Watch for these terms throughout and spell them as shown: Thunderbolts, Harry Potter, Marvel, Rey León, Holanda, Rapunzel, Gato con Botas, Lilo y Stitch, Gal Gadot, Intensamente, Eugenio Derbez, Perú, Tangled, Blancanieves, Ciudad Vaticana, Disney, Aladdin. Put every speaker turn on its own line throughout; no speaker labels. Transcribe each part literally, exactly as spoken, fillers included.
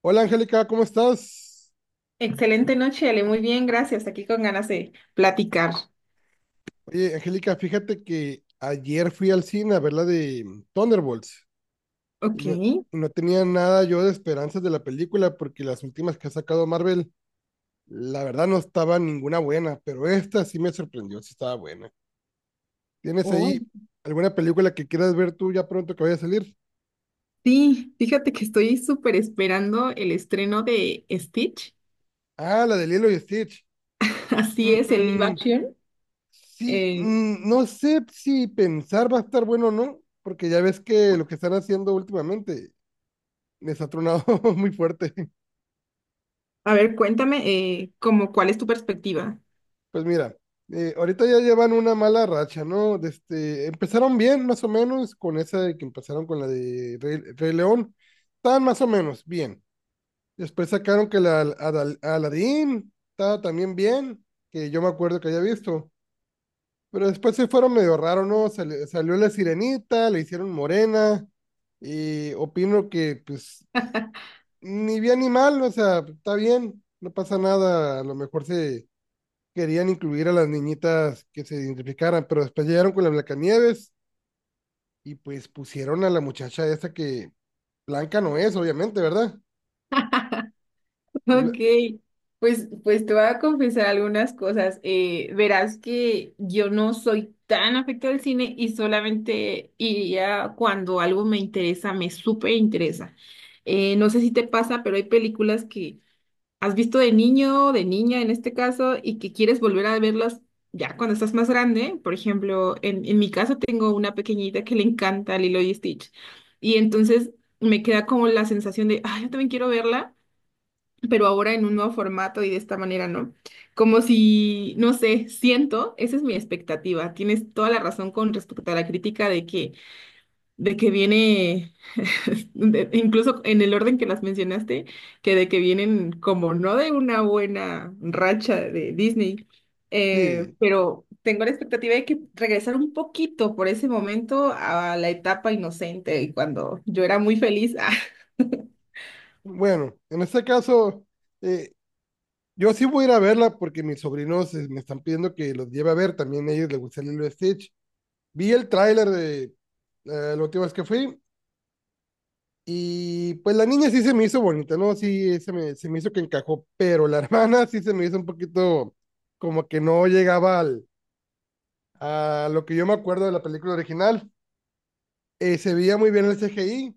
Hola Angélica, ¿cómo estás?
Excelente noche, Ale. Muy bien, gracias. Aquí con ganas de platicar.
Oye, Angélica, fíjate que ayer fui al cine a ver la de Thunderbolts y
Ok.
no, y no tenía nada yo de esperanzas de la película porque las últimas que ha sacado Marvel, la verdad no estaba ninguna buena, pero esta sí me sorprendió, sí estaba buena. ¿Tienes
Oh,
ahí alguna película que quieras ver tú ya pronto que vaya a salir?
sí, fíjate que estoy súper esperando el estreno de Stitch.
Ah, la de Lilo y Stitch.
Así es, en live
Mm,
action.
sí,
Eh,
mm, no sé si pensar va a estar bueno o no, porque ya ves que lo que están haciendo últimamente les ha tronado muy fuerte.
a ver, cuéntame, eh, como, ¿cuál es tu perspectiva?
Pues mira, eh, ahorita ya llevan una mala racha, ¿no? De este, empezaron bien, más o menos, con esa de que empezaron con la de Rey, Rey León. Estaban más o menos bien. Después sacaron que la Al- Adal- Aladdin estaba también bien, que yo me acuerdo que había visto. Pero después se fueron medio raro, ¿no? Sali- salió la sirenita, le hicieron morena. Y opino que, pues, ni bien ni mal, o sea, está bien, no pasa nada. A lo mejor se querían incluir a las niñitas que se identificaran, pero después llegaron con la Blancanieves y pues pusieron a la muchacha esta que blanca no es, obviamente, ¿verdad? Y lo-
Ok, pues, pues te voy a confesar algunas cosas. Eh, verás que yo no soy tan afecto al cine y solamente iría cuando algo me interesa, me súper interesa. Eh, no sé si te pasa, pero hay películas que has visto de niño, de niña en este caso, y que quieres volver a verlas ya cuando estás más grande. Por ejemplo, en, en mi caso tengo una pequeñita que le encanta Lilo y Stitch. Y entonces me queda como la sensación de, ay, yo también quiero verla pero ahora en un nuevo formato y de esta manera, ¿no? Como si, no sé, siento, esa es mi expectativa. Tienes toda la razón con respecto a la crítica de que, de que viene, de- incluso en el orden que las mencionaste, que de que vienen como no de una buena racha de Disney, eh,
sí,
pero tengo la expectativa de que regresar un poquito por ese momento a la etapa inocente y cuando yo era muy feliz.
bueno, en este caso, eh, yo sí voy a ir a verla porque mis sobrinos eh, me están pidiendo que los lleve a ver, también a ellos les gusta Lilo y Stitch. Vi el tráiler de eh, la última vez que fui y pues la niña sí se me hizo bonita, ¿no? Sí, se me, se me hizo que encajó, pero la hermana sí se me hizo un poquito como que no llegaba al a lo que yo me acuerdo de la película original. Eh, se veía muy bien el C G I,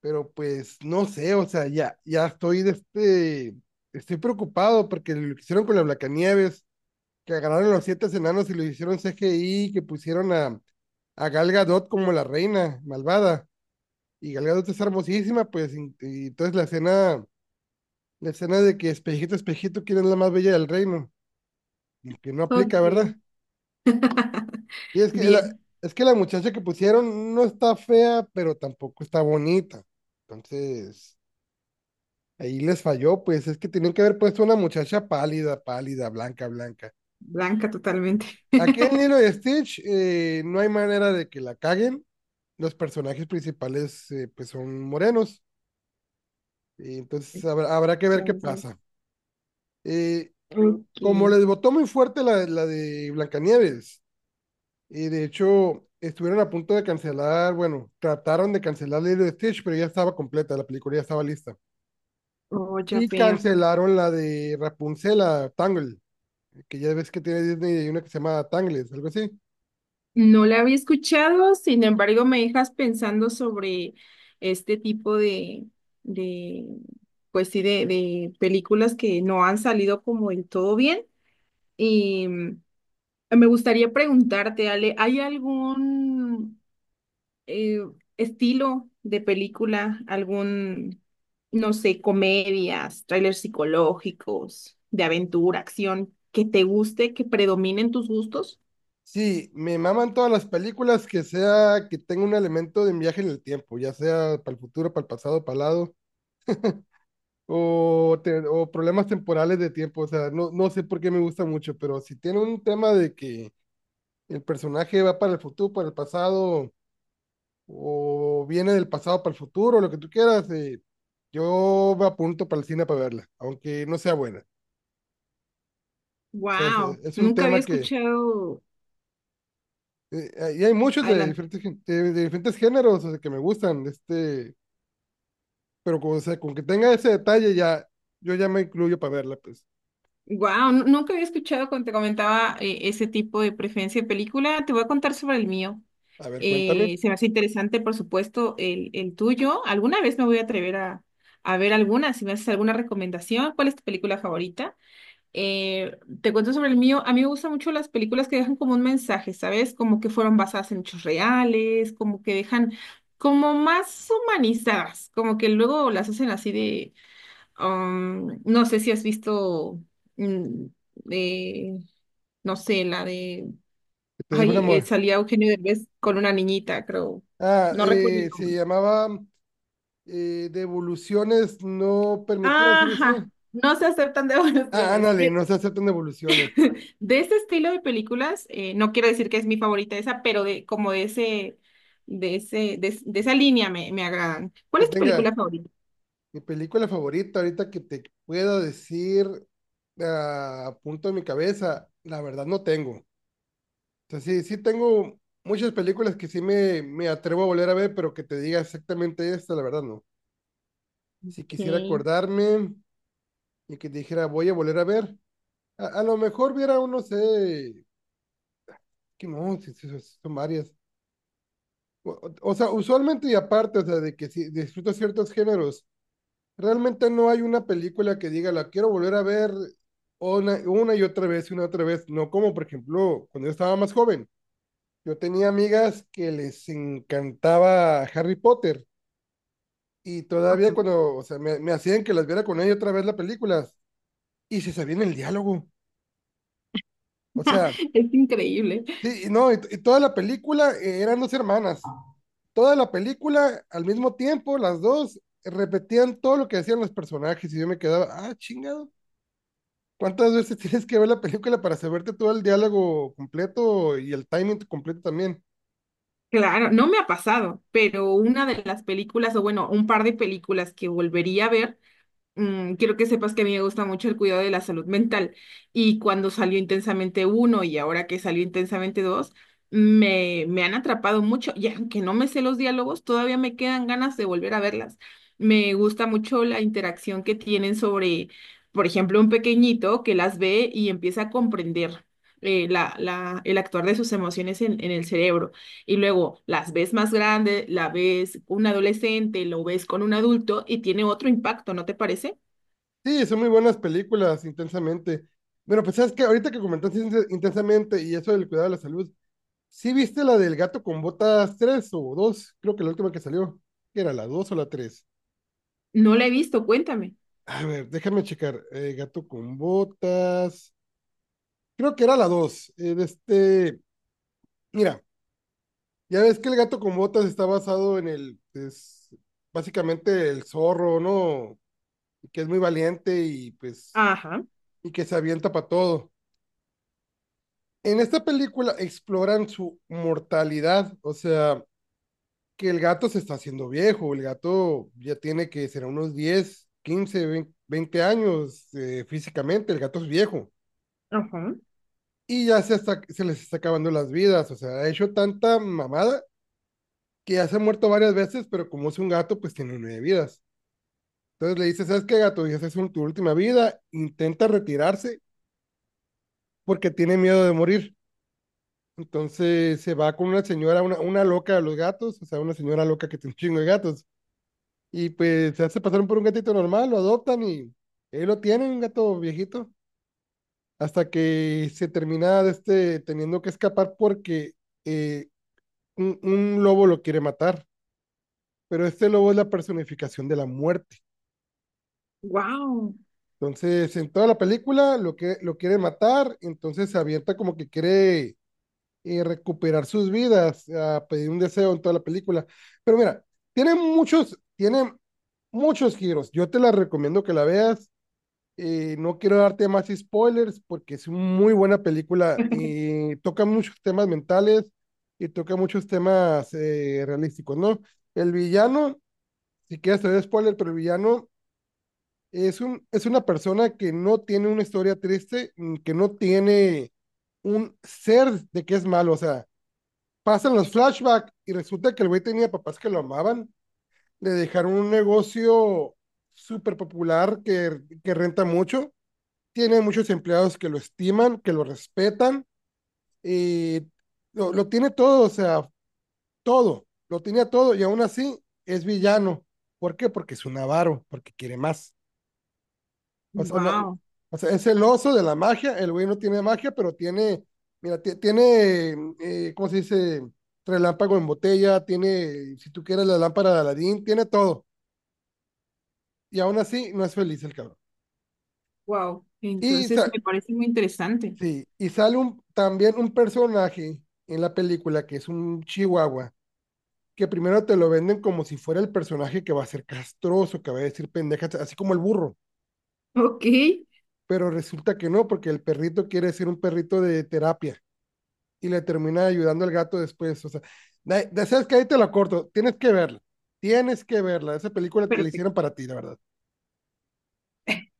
pero pues no sé, o sea, ya, ya estoy de este, estoy preocupado porque lo que hicieron con la Blancanieves, que agarraron los siete enanos y lo hicieron C G I, que pusieron a, a Gal Gadot como la reina malvada, y Gal Gadot es hermosísima, pues, y, y entonces la escena, la escena de que espejito, espejito, ¿quién es la más bella del reino? Que no
Ah,
aplica,
ok.
¿verdad? Y es que la,
Bien.
es que la muchacha que pusieron no está fea, pero tampoco está bonita. Entonces, ahí les falló, pues es que tenían que haber puesto una muchacha pálida, pálida, blanca, blanca.
Blanca totalmente.
Aquí en Lilo y Stitch eh, no hay manera de que la caguen. Los personajes principales eh, pues son morenos. Y entonces habrá, habrá que ver qué
Entonces,
pasa. Eh,
ok.
Como les votó muy fuerte la, la de Blancanieves, y de hecho, estuvieron a punto de cancelar, bueno, trataron de cancelar Lilo y Stitch, pero ya estaba completa, la película ya estaba lista.
Oh, ya
Y
veo.
cancelaron la de Rapunzel, la Tangle, que ya ves que tiene Disney y una que se llama Tangles, algo así.
No la había escuchado, sin embargo, me dejas pensando sobre este tipo de, de pues sí, de, de películas que no han salido como del todo bien. Y mm, me gustaría preguntarte, Ale, ¿hay algún eh, estilo de película, algún, no sé, comedias, trailers psicológicos, de aventura, acción, que te guste, que predominen tus gustos?
Sí, me maman todas las películas que sea que tenga un elemento de viaje en el tiempo, ya sea para el futuro, para el pasado, para el lado, o, te- o problemas temporales de tiempo. O sea, no, no sé por qué me gusta mucho, pero si tiene un tema de que el personaje va para el futuro, para el pasado, o viene del pasado para el futuro, lo que tú quieras, eh, yo me apunto para el cine para verla, aunque no sea buena. O sea, es, eh,
Wow,
es un
nunca había
tema que,
escuchado,
eh, y hay muchos de
adelante.
diferentes, gen- de, de diferentes géneros, o sea, que me gustan, este, pero con, o sea, con que tenga ese detalle ya, yo ya me incluyo para verla, pues.
Wow, nunca había escuchado cuando te comentaba eh, ese tipo de preferencia de película. Te voy a contar sobre el mío.
A ver, cuéntame,
Eh, se me hace interesante, por supuesto, el, el tuyo. Alguna vez me voy a atrever a, a ver alguna, si me haces alguna recomendación. ¿Cuál es tu película favorita? Eh, Te cuento sobre el mío. A mí me gustan mucho las películas que dejan como un mensaje, ¿sabes? Como que fueron basadas en hechos reales, como que dejan como más humanizadas, como que luego las hacen así de, um, no sé si has visto, mm, de, no sé, la de,
¿qué te dijo una
ay, eh,
mujer?
salía Eugenio Derbez con una niñita, creo,
Ah,
no recuerdo el
eh, se
nombre.
llamaba eh, devoluciones no permitidas, algo
Ajá,
así.
no se aceptan
Ah,
devoluciones.
ándale, no se aceptan devoluciones.
De este estilo de películas, eh, no quiero decir que es mi favorita esa, pero de como de ese, de ese, de, es- de esa línea me, me agradan. ¿Cuál
Que
es tu
tenga,
película favorita?
mi película favorita, ahorita que te pueda decir ah, a punto de mi cabeza, la verdad no tengo. O sea, sí, sí tengo muchas películas que sí me, me atrevo a volver a ver, pero que te diga exactamente esta, la verdad no. Si
Ok.
quisiera acordarme y que dijera voy a volver a ver, a, a lo mejor viera uno, sé, que no, sí, sí, sí, son varias. O, o- o sea, usualmente y aparte, o sea, de que si disfruto ciertos géneros, realmente no hay una película que diga, la quiero volver a ver una, una y otra vez y una otra vez. No como, por ejemplo, cuando yo estaba más joven, yo tenía amigas que les encantaba Harry Potter y todavía cuando, o sea, me, me hacían que las viera con ella otra vez las películas y se sabían el diálogo. O sea,
Es increíble.
sí, y no, y, y toda la película eh, eran dos hermanas. Toda la película al mismo tiempo, las dos repetían todo lo que decían los personajes y yo me quedaba, ah, chingado. ¿Cuántas veces tienes que ver la película para saberte todo el diálogo completo y el timing completo también?
Claro, no me ha pasado, pero una de las películas, o bueno, un par de películas que volvería a ver mm, quiero que sepas que a mí me gusta mucho el cuidado de la salud mental y cuando salió Intensamente uno y ahora que salió Intensamente dos, me, me han atrapado mucho y aunque no me sé los diálogos, todavía me quedan ganas de volver a verlas. Me gusta mucho la interacción que tienen sobre, por ejemplo, un pequeñito que las ve y empieza a comprender eh, la, la, el actuar de sus emociones en, en el cerebro. Y luego las ves más grande, la ves un adolescente, lo ves con un adulto y tiene otro impacto, ¿no te parece?
Sí, son muy buenas películas, intensamente. Bueno, pues sabes que ahorita que comentaste Inten- intensamente y eso del cuidado de la salud, ¿sí viste la del gato con botas tres o dos? Creo que la última que salió. ¿Qué era, la dos o la tres?
No la he visto, cuéntame.
A ver, déjame checar. Eh, gato con botas. Creo que era la dos. Eh, de este, mira, ya ves que el gato con botas está basado en el, es básicamente el zorro, ¿no? Que es muy valiente y pues
Ajá,
y que se avienta para todo. En esta película exploran su mortalidad, o sea, que el gato se está haciendo viejo, el gato ya tiene que ser unos diez, quince, veinte años eh, físicamente, el gato es viejo
ajá.
y ya se, está, se les está acabando las vidas, o sea, ha hecho tanta mamada que ya se ha muerto varias veces, pero como es un gato, pues tiene nueve vidas. Entonces le dice, ¿sabes qué, gato? Ya es tu última vida, intenta retirarse porque tiene miedo de morir. Entonces se va con una señora, una, una loca de los gatos, o sea, una señora loca que tiene un chingo de gatos. Y pues se hace pasar por un gatito normal, lo adoptan y ahí lo tienen, un gato viejito, hasta que se termina de este, teniendo que escapar porque eh, un, un lobo lo quiere matar. Pero este lobo es la personificación de la muerte.
Wow,
Entonces, en toda la película lo que lo quiere matar, entonces se avienta como que quiere y recuperar sus vidas, a pedir un deseo en toda la película. Pero mira, tiene muchos, tiene muchos giros. Yo te la recomiendo que la veas. Eh, no quiero darte más spoilers porque es muy buena película y toca muchos temas mentales y toca muchos temas eh, realísticos, ¿no? El villano, si quieres te doy spoiler, pero el villano es un, es una persona que no tiene una historia triste, mm, que no tiene un ser de que es malo, o sea, pasan los flashbacks y resulta que el güey tenía papás que lo amaban. Le dejaron un negocio súper popular que, que renta mucho. Tiene muchos empleados que lo estiman, que lo respetan. Y lo, lo tiene todo, o sea, todo. Lo tenía todo y aún así es villano. ¿Por qué? Porque es un avaro, porque quiere más. O sea, no,
wow,
o sea, es el oso de la magia. El güey no tiene magia, pero tiene, mira, ti- tiene, mm, eh, ¿cómo se dice? Relámpago en botella, tiene, si tú quieres, la lámpara de Aladín, tiene todo. Y aún así, no es feliz el cabrón.
wow.
Y,
Entonces
sa-
me parece muy interesante.
sí, y sale un, también un personaje en la película que es un chihuahua, que primero te lo venden como si fuera el personaje que va a ser castroso, que va a decir pendejas, así como el burro.
Ok,
Pero resulta que no, porque el perrito quiere ser un perrito de terapia, y le termina ayudando al gato después. O sea, de, de- sabes que ahí te la corto, tienes que verla, tienes que verla. Esa película te la hicieron
perfecto.
para ti, la verdad.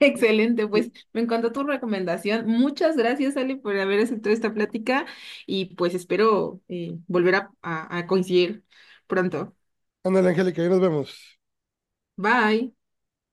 Excelente,
Sí,
pues me encantó tu recomendación. Muchas gracias, Ale, por haber aceptado esta plática y pues espero eh, volver a a- a coincidir pronto.
ándale, Angélica, ahí nos vemos.
Bye.